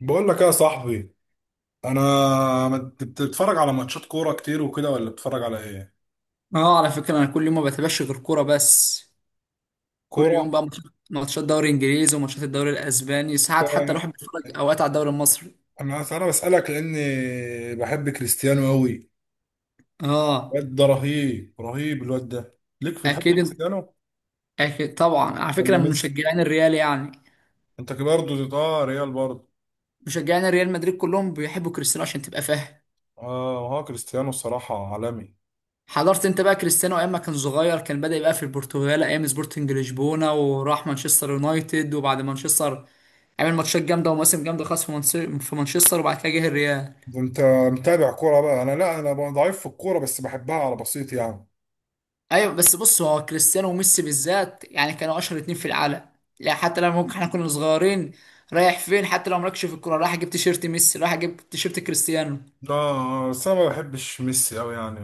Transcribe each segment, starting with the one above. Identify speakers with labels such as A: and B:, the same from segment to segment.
A: بقول لك ايه يا صاحبي، انا بتتفرج على ماتشات كوره كتير وكده، ولا بتتفرج على ايه؟
B: اه، على فكرة انا كل يوم ما بتابعش غير كورة بس. كل
A: كوره.
B: يوم بقى ماتشات، ماتشات دوري انجليزي وماتشات الدوري الاسباني، ساعات حتى
A: ك-
B: الواحد بيتفرج اوقات على الدوري المصري.
A: انا بسالك لاني بحب كريستيانو قوي.
B: اه،
A: الواد ده رهيب رهيب. الواد ده، ليك في؟ تحب
B: اكيد إن-
A: كريستيانو
B: اكيد طبعا، على فكرة
A: ولا
B: من
A: ميسي؟
B: مشجعين الريال يعني.
A: انت كده برضه؟ اه، ريال برضه.
B: مشجعين الريال مدريد كلهم بيحبوا كريستيانو عشان تبقى فاهم.
A: اه، هو كريستيانو الصراحه عالمي.
B: حضرت انت بقى كريستيانو ايام ما كان صغير، كان بدأ يبقى في البرتغال ايام سبورتنج لشبونة، وراح مانشستر يونايتد، وبعد مانشستر عمل ماتشات جامدة ومواسم جامدة خاص في مانشستر، وبعد كده جه الريال.
A: ده انت متابع كوره بقى. انا لا، انا ضعيف في الكوره بس بحبها على بسيط يعني.
B: ايوه بس بص، هو كريستيانو وميسي بالذات يعني كانوا اشهر اتنين في العالم. لا حتى لما ممكن احنا كنا صغيرين، رايح فين حتى لو مالكش في الكوره، رايح اجيب تيشيرت ميسي، رايح اجيب تيشيرت كريستيانو.
A: لا بس انا ما بحبش ميسي قوي يعني،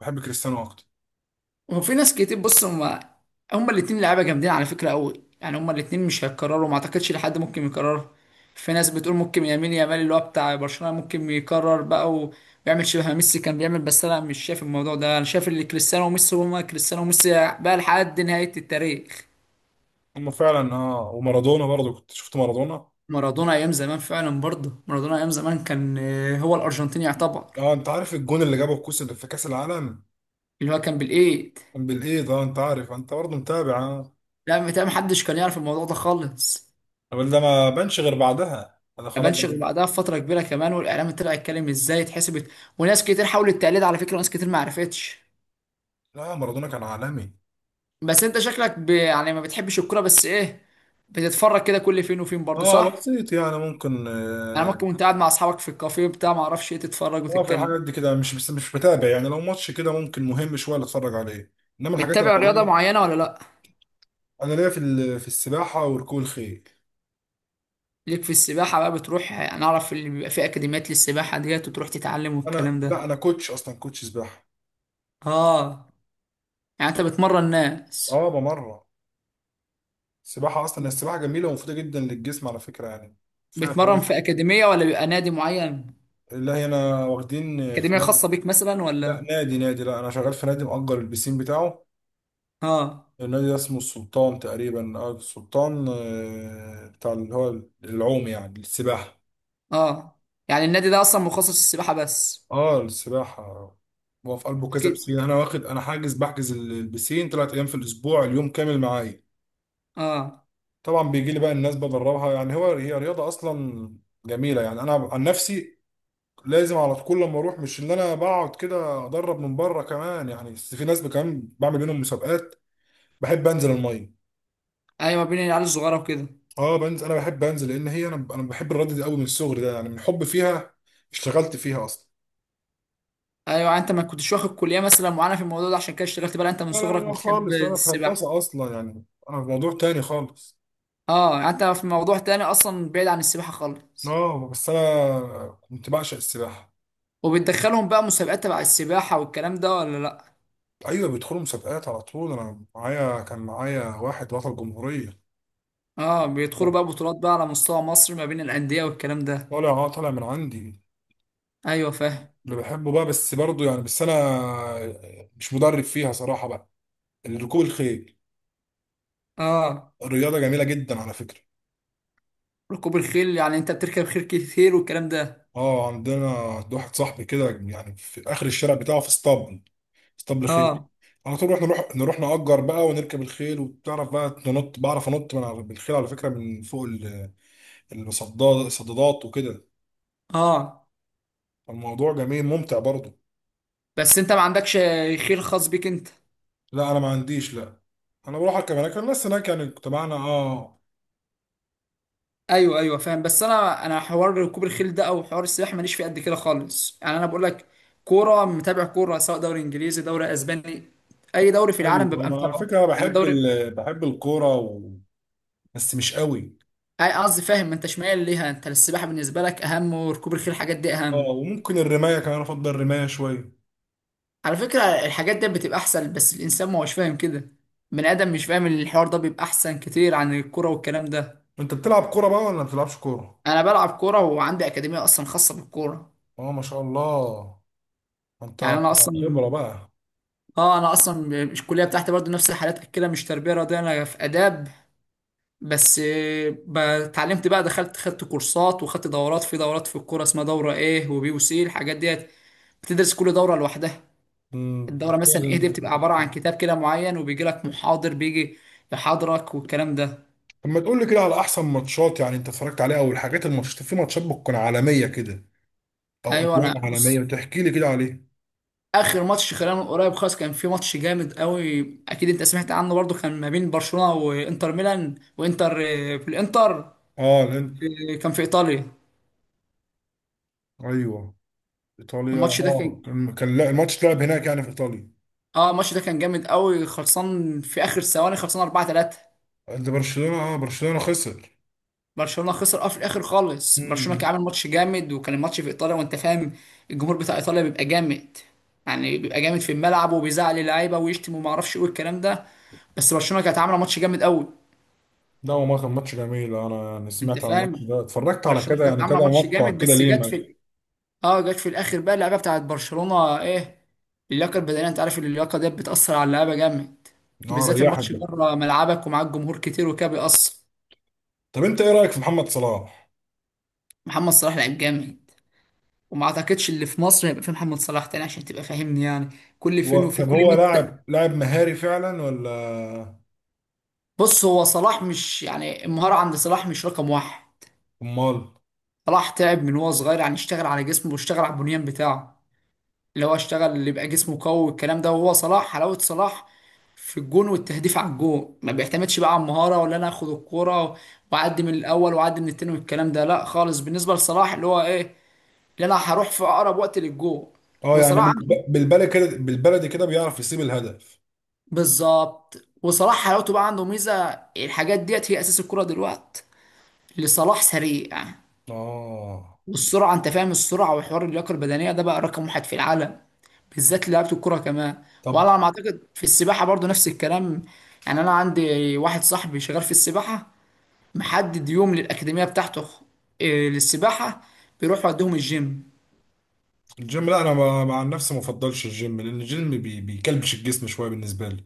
A: بحب كريستيانو اكتر.
B: وفي ناس كتير. بص، هم هم الاتنين لعيبه جامدين على فكره قوي، يعني هم الاتنين مش هيتكرروا، ما اعتقدش لحد ممكن يكرروا. في ناس بتقول ممكن يمين يامال اللي هو بتاع برشلونه ممكن يكرر بقى ويعمل شبه ما ميسي كان بيعمل، بس انا مش شايف الموضوع ده، انا شايف ان كريستيانو وميسي هما كريستيانو وميسي بقى لحد نهايه التاريخ.
A: هم فعلا، اه. ومارادونا برضه، كنت شفت مارادونا.
B: مارادونا ايام زمان فعلا، برضه مارادونا ايام زمان كان هو الارجنتيني يعتبر.
A: اه، انت عارف الجون اللي جابه الكوس اللي في كاس العالم؟
B: اللي هو كان بالايد.
A: كان بالايد. اه، انت عارف، انت برضه متابع. اه.
B: لا، متهيألي محدش كان يعرف الموضوع ده خالص.
A: الراجل ده ما بانش غير بعدها، انا
B: ما
A: خلاص
B: بانش غير
A: بقى.
B: بعدها بفتره كبيره كمان، والاعلام طلع يتكلم ازاي اتحسبت، وناس كتير حاولت التقليد على فكره، وناس كتير ما عرفتش.
A: لا، مارادونا كان عالمي.
B: بس انت شكلك يعني ما بتحبش الكوره، بس ايه، بتتفرج كده كل فين وفين برضه
A: اه
B: صح؟
A: بسيط يعني، ممكن
B: يعني
A: اه.
B: ممكن وانت قاعد مع اصحابك في الكافيه بتاع ما اعرفش ايه تتفرج
A: آه، في الحاجات
B: وتتكلم.
A: دي كده، مش بس مش متابع يعني. لو ماتش كده ممكن مهم شويه اللي اتفرج عليه، انما الحاجات
B: متابع رياضه
A: العاديه.
B: معينه ولا لا؟
A: انا ليا في في السباحه وركوب الخيل.
B: ليك في السباحة بقى، بتروح أنا أعرف اللي بيبقى فيه أكاديميات للسباحة ديت وتروح تتعلم
A: انا
B: والكلام ده.
A: لا، انا كوتش، اصلا كوتش سباحه.
B: آه، يعني أنت بتمرن ناس.
A: اه، بمرة. السباحة أصلا السباحة جميلة ومفيدة جدا للجسم على فكرة يعني. فيها
B: بتمرن
A: فوائد.
B: في أكاديمية ولا بيبقى نادي معين؟
A: لا، هنا واخدين في
B: أكاديمية
A: نادي.
B: خاصة بيك مثلا
A: لا
B: ولا؟
A: نادي نادي، لا أنا شغال في نادي مأجر البسين بتاعه.
B: آه.
A: النادي ده اسمه السلطان تقريبا، اه السلطان. بتاع اللي هو العوم، يعني السباحة.
B: آه، يعني النادي ده أصلا مخصص للسباحة بس؟
A: اه السباحة. هو في قلبه كذا
B: أكيد.
A: بسين، أنا واخد، أنا حاجز بحجز البسين 3 أيام في الأسبوع، اليوم كامل معايا.
B: آه.
A: طبعا بيجي لي بقى الناس بدربها يعني. هو هي رياضة أصلا جميلة يعني. أنا عن نفسي لازم على طول لما اروح، مش اللي انا بقعد كده ادرب من بره كمان يعني، بس في ناس كمان بعمل بينهم مسابقات. بحب انزل الميه.
B: أيوة، بين العيال الصغيرة وكده.
A: اه بنزل. انا بحب انزل لان هي، انا بحب الرياضه دي قوي من الصغر ده يعني، من حب فيها اشتغلت فيها اصلا.
B: أيوة، يعني أنت ما كنتش واخد كلية مثلا معينة في الموضوع ده عشان كده اشتغلت بقى، أنت من
A: لا لا لا
B: صغرك
A: لا
B: بتحب
A: خالص، انا في
B: السباحة.
A: هندسه اصلا يعني، انا في موضوع تاني خالص.
B: آه، يعني أنت في موضوع تاني أصلا بعيد عن السباحة خالص.
A: اه بس انا كنت بعشق السباحه.
B: وبتدخلهم بقى مسابقات تبع السباحة والكلام ده ولا لأ؟
A: ايوه، بيدخلوا مسابقات على طول، انا معايا كان معايا واحد بطل جمهوريه.
B: اه، بيدخلوا بقى بطولات بقى على مستوى مصر ما بين الأندية والكلام ده.
A: طالع، اه طالع من عندي.
B: ايوه فاهم.
A: اللي بحبه بقى، بس برضه يعني، بس انا مش مدرب فيها صراحه بقى. ركوب الخيل
B: اه.
A: الرياضه جميله جدا على فكره.
B: ركوب الخيل يعني انت بتركب خيل كتير والكلام ده.
A: اه عندنا عند واحد صاحبي كده يعني، في اخر الشارع بتاعه في اسطبل، اسطبل خيل.
B: اه.
A: على طول احنا نروح، نروح نأجر بقى ونركب الخيل. وبتعرف بقى ننط، بعرف انط من على بالخيل على فكره، من فوق الصداد، الصدادات وكده.
B: اه،
A: الموضوع جميل ممتع برضه.
B: بس انت ما عندكش خيل خاص بيك انت.
A: لا، انا ما عنديش لا. انا بروح اركب هناك، الناس هناك يعني تبعنا، اه.
B: ايوه ايوه فاهم، بس انا انا حوار ركوب الخيل ده او حوار السباحه ماليش فيه قد كده خالص، يعني انا بقول لك كوره، متابع كوره، سواء دوري انجليزي، دوري اسباني، اي دوري في العالم
A: ايوه،
B: ببقى
A: انا على
B: متابعه.
A: فكره
B: يعني
A: بحب
B: الدوري،
A: بحب الكوره و... بس مش قوي.
B: اي قصدي فاهم، انت شمال ليها، انت السباحه بالنسبه لك اهم وركوب الخيل الحاجات دي
A: اه
B: اهم.
A: وممكن الرمايه كمان، افضل الرمايه شويه.
B: على فكره الحاجات دي بتبقى احسن، بس الانسان ما هوش فاهم كده من ادم، مش فاهم ان الحوار ده بيبقى احسن كتير عن الكوره والكلام ده.
A: انت بتلعب كوره بقى ولا ما بتلعبش كوره؟
B: انا بلعب كوره وعندي اكاديميه اصلا خاصه بالكوره.
A: اه ما شاء الله. انت
B: يعني انا اصلا،
A: خبره بقى.
B: اه، انا اصلا الكليه بتاعتي برضو نفس الحالات كده، مش تربيه رياضيه، انا في اداب، بس اتعلمت بقى، دخلت خدت كورسات وخدت دورات، في دورات في الكوره اسمها دوره ايه وبي وسي الحاجات ديت، بتدرس كل دوره لوحدها. الدورة مثلا ايه
A: امم.
B: دي بتبقى عبارة عن كتاب كده معين وبيجي لك محاضر، بيجي يحاضرك والكلام ده.
A: طب ما تقول لي كده على احسن ماتشات يعني انت اتفرجت عليها، او الحاجات الماتشات، في ماتشات بتكون عالميه كده او
B: ايوه،
A: اجوان
B: انا
A: عالميه،
B: بص،
A: وتحكي لي كده عليها.
B: اخر ماتش خلال من قريب خالص كان في ماتش جامد قوي. اكيد انت سمعت عنه برضو، كان ما بين برشلونة وانتر ميلان، وانتر في الانتر،
A: اه، الهند.
B: كان في ايطاليا.
A: ايوه ايطاليا.
B: الماتش ده
A: اه،
B: كان،
A: كان لا، الماتش اتلعب هناك يعني في ايطاليا.
B: اه الماتش ده كان جامد قوي، خلصان في اخر ثواني خلصان 4-3.
A: ده برشلونه، اه، برشلونه خسر.
B: برشلونه خسر اه، في الاخر خالص. برشلونه
A: مم.
B: كان عامل ماتش جامد، وكان الماتش في ايطاليا وانت فاهم، الجمهور بتاع ايطاليا بيبقى جامد، يعني بيبقى جامد في الملعب، وبيزعل اللعيبه ويشتم وما اعرفش ايه الكلام ده، بس برشلونه كانت عامله ماتش جامد قوي.
A: لا هو، ما كان ماتش جميل، انا يعني
B: انت
A: سمعت عن الماتش
B: فاهم،
A: ده، اتفرجت على
B: برشلونه
A: كده
B: كانت
A: يعني كده،
B: عامله ماتش
A: مقطع
B: جامد
A: كده
B: بس
A: ليه ما.
B: جت في الاخر بقى اللعيبه بتاعت برشلونه ايه، اللياقه البدنيه، انت عارف اللياقه ديت بتاثر على اللعيبه جامد،
A: اه
B: بالذات
A: ريحك
B: الماتش
A: ده.
B: بره ملعبك ومعاك جمهور كتير وكده بيأثر.
A: طب انت ايه رايك في محمد صلاح؟
B: محمد صلاح لعيب جامد، وما اعتقدش اللي في مصر هيبقى فيه محمد صلاح تاني، عشان تبقى فاهمني، يعني كل فين
A: هو
B: وفين،
A: طب،
B: كل
A: هو
B: 100
A: لاعب
B: سنة.
A: لاعب مهاري فعلا، ولا؟
B: بص، هو صلاح مش يعني المهارة عند صلاح مش رقم واحد.
A: امال.
B: صلاح تعب من هو صغير، يعني اشتغل على جسمه واشتغل على البنيان بتاعه، اللي هو اشتغل اللي يبقى جسمه قوي والكلام ده. وهو صلاح، حلاوة صلاح في الجون والتهديف على الجون، ما بيعتمدش بقى على المهارة ولا انا اخد الكرة واعدي من الاول واعدي من التاني والكلام ده، لا خالص، بالنسبة لصلاح اللي هو ايه، اللي انا هروح في اقرب وقت للجون.
A: اه يعني
B: وصلاح،
A: بالبلدي كده، بالبلدي كده بيعرف يسيب الهدف.
B: بالظبط. وصلاح حلاوته بقى، عنده ميزه، الحاجات ديت هي اساس الكره دلوقتي، اللي صلاح سريع،
A: اه.
B: والسرعه انت فاهم، السرعه وحوار اللياقه البدنيه ده بقى رقم واحد في العالم، بالذات لعيبه الكره كمان.
A: طب
B: وعلى ما اعتقد في السباحه برضو نفس الكلام، يعني انا عندي واحد صاحبي شغال في السباحه، محدد يوم للاكاديميه بتاعته للسباحه، بيروح يوديهم الجيم.
A: الجيم، لا انا مع نفسي ما بفضلش الجيم، لان الجيم بيكلبش الجسم شويه بالنسبه لي.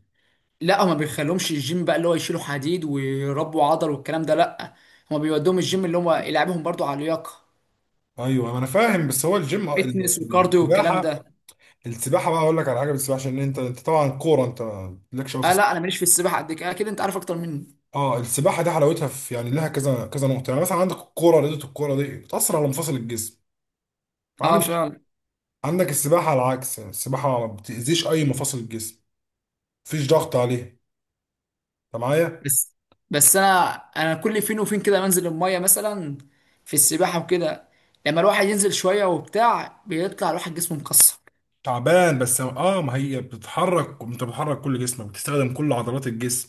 B: لا، هما بيخليهمش الجيم بقى اللي هو يشيلوا حديد ويربوا عضل والكلام ده، لا، هما بيودوهم الجيم اللي هما يلعبهم برضو على اللياقه،
A: ايوه ما انا فاهم، بس هو الجيم.
B: فيتنس وكارديو والكلام
A: السباحه.
B: ده.
A: السباحه بقى، اقول لك على حاجه. بالسباحه عشان انت طبعا كوره، انت مالكش قوي في.
B: اه. لا انا ماليش في السباحه قد كده، اكيد انت عارف اكتر مني.
A: اه السباحه دي حلاوتها في، يعني لها كذا كذا نقطه يعني. مثلا عندك الكوره، رياضه الكوره دي بتاثر على مفاصل الجسم،
B: اه
A: معلش.
B: فعلا.
A: عندك السباحه على العكس، يعني السباحه ما بتاذيش اي مفاصل الجسم، مفيش ضغط عليه. انت معايا؟
B: بس بس انا انا كل فين وفين كده بنزل الميه مثلا في السباحه وكده، لما الواحد ينزل شويه وبتاع بيطلع الواحد جسمه مكسر.
A: تعبان بس، اه. ما هي بتتحرك، انت بتحرك كل جسمك، بتستخدم كل عضلات الجسم.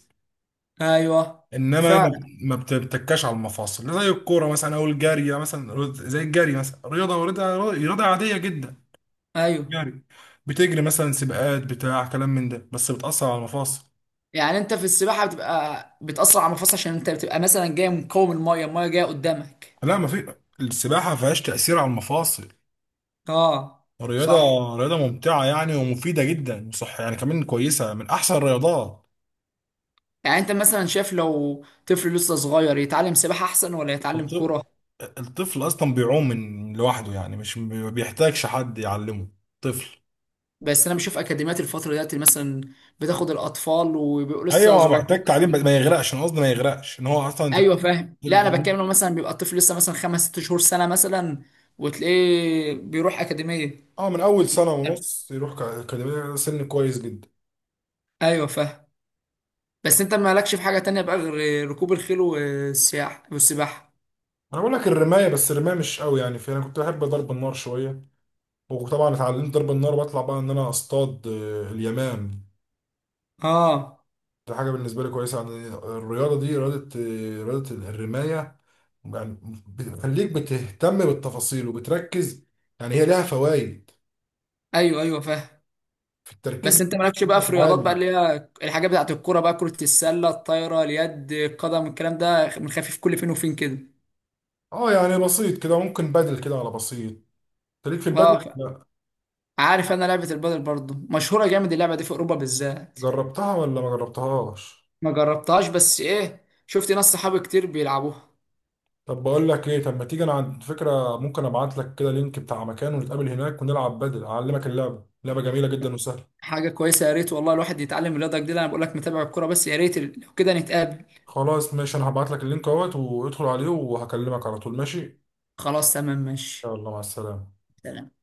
B: ايوه.
A: انما ما
B: فعلا.
A: ما بتتكاش على المفاصل زي الكوره مثلا او الجري يعني. مثلا زي الجري مثلا، رياضه رياضه رياضه عاديه جدا،
B: ايوه،
A: جري، بتجري مثلا سباقات بتاع كلام من ده، بس بتاثر على المفاصل.
B: يعني انت في السباحه بتبقى بتاثر على المفاصل عشان انت بتبقى مثلا جاي مقاوم الميه، الميه جايه قدامك.
A: لا، ما في السباحة ما فيهاش تأثير على المفاصل.
B: اه.
A: رياضة
B: صح.
A: رياضة ممتعة يعني، ومفيدة جدا وصح يعني كمان، كويسة من أحسن الرياضات.
B: يعني انت مثلا شايف لو طفل لسه صغير يتعلم سباحه احسن ولا يتعلم
A: الط-
B: كوره؟
A: الطفل أصلا بيعوم من لوحده يعني، مش ما بيحتاجش حد يعلمه. طفل،
B: بس انا بشوف اكاديميات الفتره دلوقتي مثلا بتاخد الاطفال وبيبقوا
A: أيوة
B: لسه
A: هو
B: صغيرين
A: محتاج تعليم، بس
B: مثلا.
A: ما يغرقش. أنا قصدي ما يغرقش إن هو أصلا، أنت
B: ايوه فاهم، لا انا
A: بترمي.
B: بتكلم لو مثلا بيبقى الطفل لسه مثلا خمس ست شهور، سنه مثلا، وتلاقيه بيروح اكاديميه.
A: أه، من أول سنة ونص يروح أكاديمية، سن كويس جدا.
B: ايوه فاهم. بس انت مالكش في حاجه تانية بقى غير ركوب الخيل والسياحه والسباحه؟
A: أنا بقول لك الرماية، بس الرماية مش قوي يعني في. أنا كنت بحب ضرب النار شوية، وطبعا اتعلمت ضرب النار، وبطلع بقى ان انا اصطاد اليمام.
B: اه.
A: دي حاجه بالنسبه لي كويسه يعني. الرياضه دي رياضه، رياضه الرمايه يعني، بتخليك بتهتم بالتفاصيل وبتركز، يعني هي لها فوائد
B: ايوه ايوه فاهم،
A: في التركيز
B: بس انت
A: بتاعك.
B: مالكش بقى في رياضات بقى
A: عالي.
B: اللي هي الحاجات بتاعت الكوره بقى، كره السله، الطايره، اليد، القدم، الكلام ده، بنخفف كل فين وفين كده؟
A: اه يعني بسيط كده، ممكن بدل كده على بسيط. أنت ليك في البدل؟
B: اه.
A: لا.
B: عارف، انا لعبه البادل برضه مشهوره جامد اللعبه دي في اوروبا بالذات.
A: جربتها ولا ما جربتهاش؟
B: ما جربتهاش، بس ايه، شفت ناس صحابي كتير بيلعبوها.
A: طب بقول لك ايه، طب ما تيجي، انا عندي فكره. ممكن ابعت لك كده لينك بتاع مكان، ونتقابل هناك، ونلعب بدل، اعلمك اللعبه. لعبه جميله جدا وسهله.
B: حاجه كويسه، يا ريت والله الواحد يتعلم الرياضه جديده، انا بقول لك متابع الكوره بس، يا ريت لو كده نتقابل.
A: خلاص ماشي، انا هبعت لك اللينك اهوت، وادخل عليه، وهكلمك على طول، ماشي.
B: خلاص تمام، ماشي.
A: يلا مع السلامة.
B: سلام.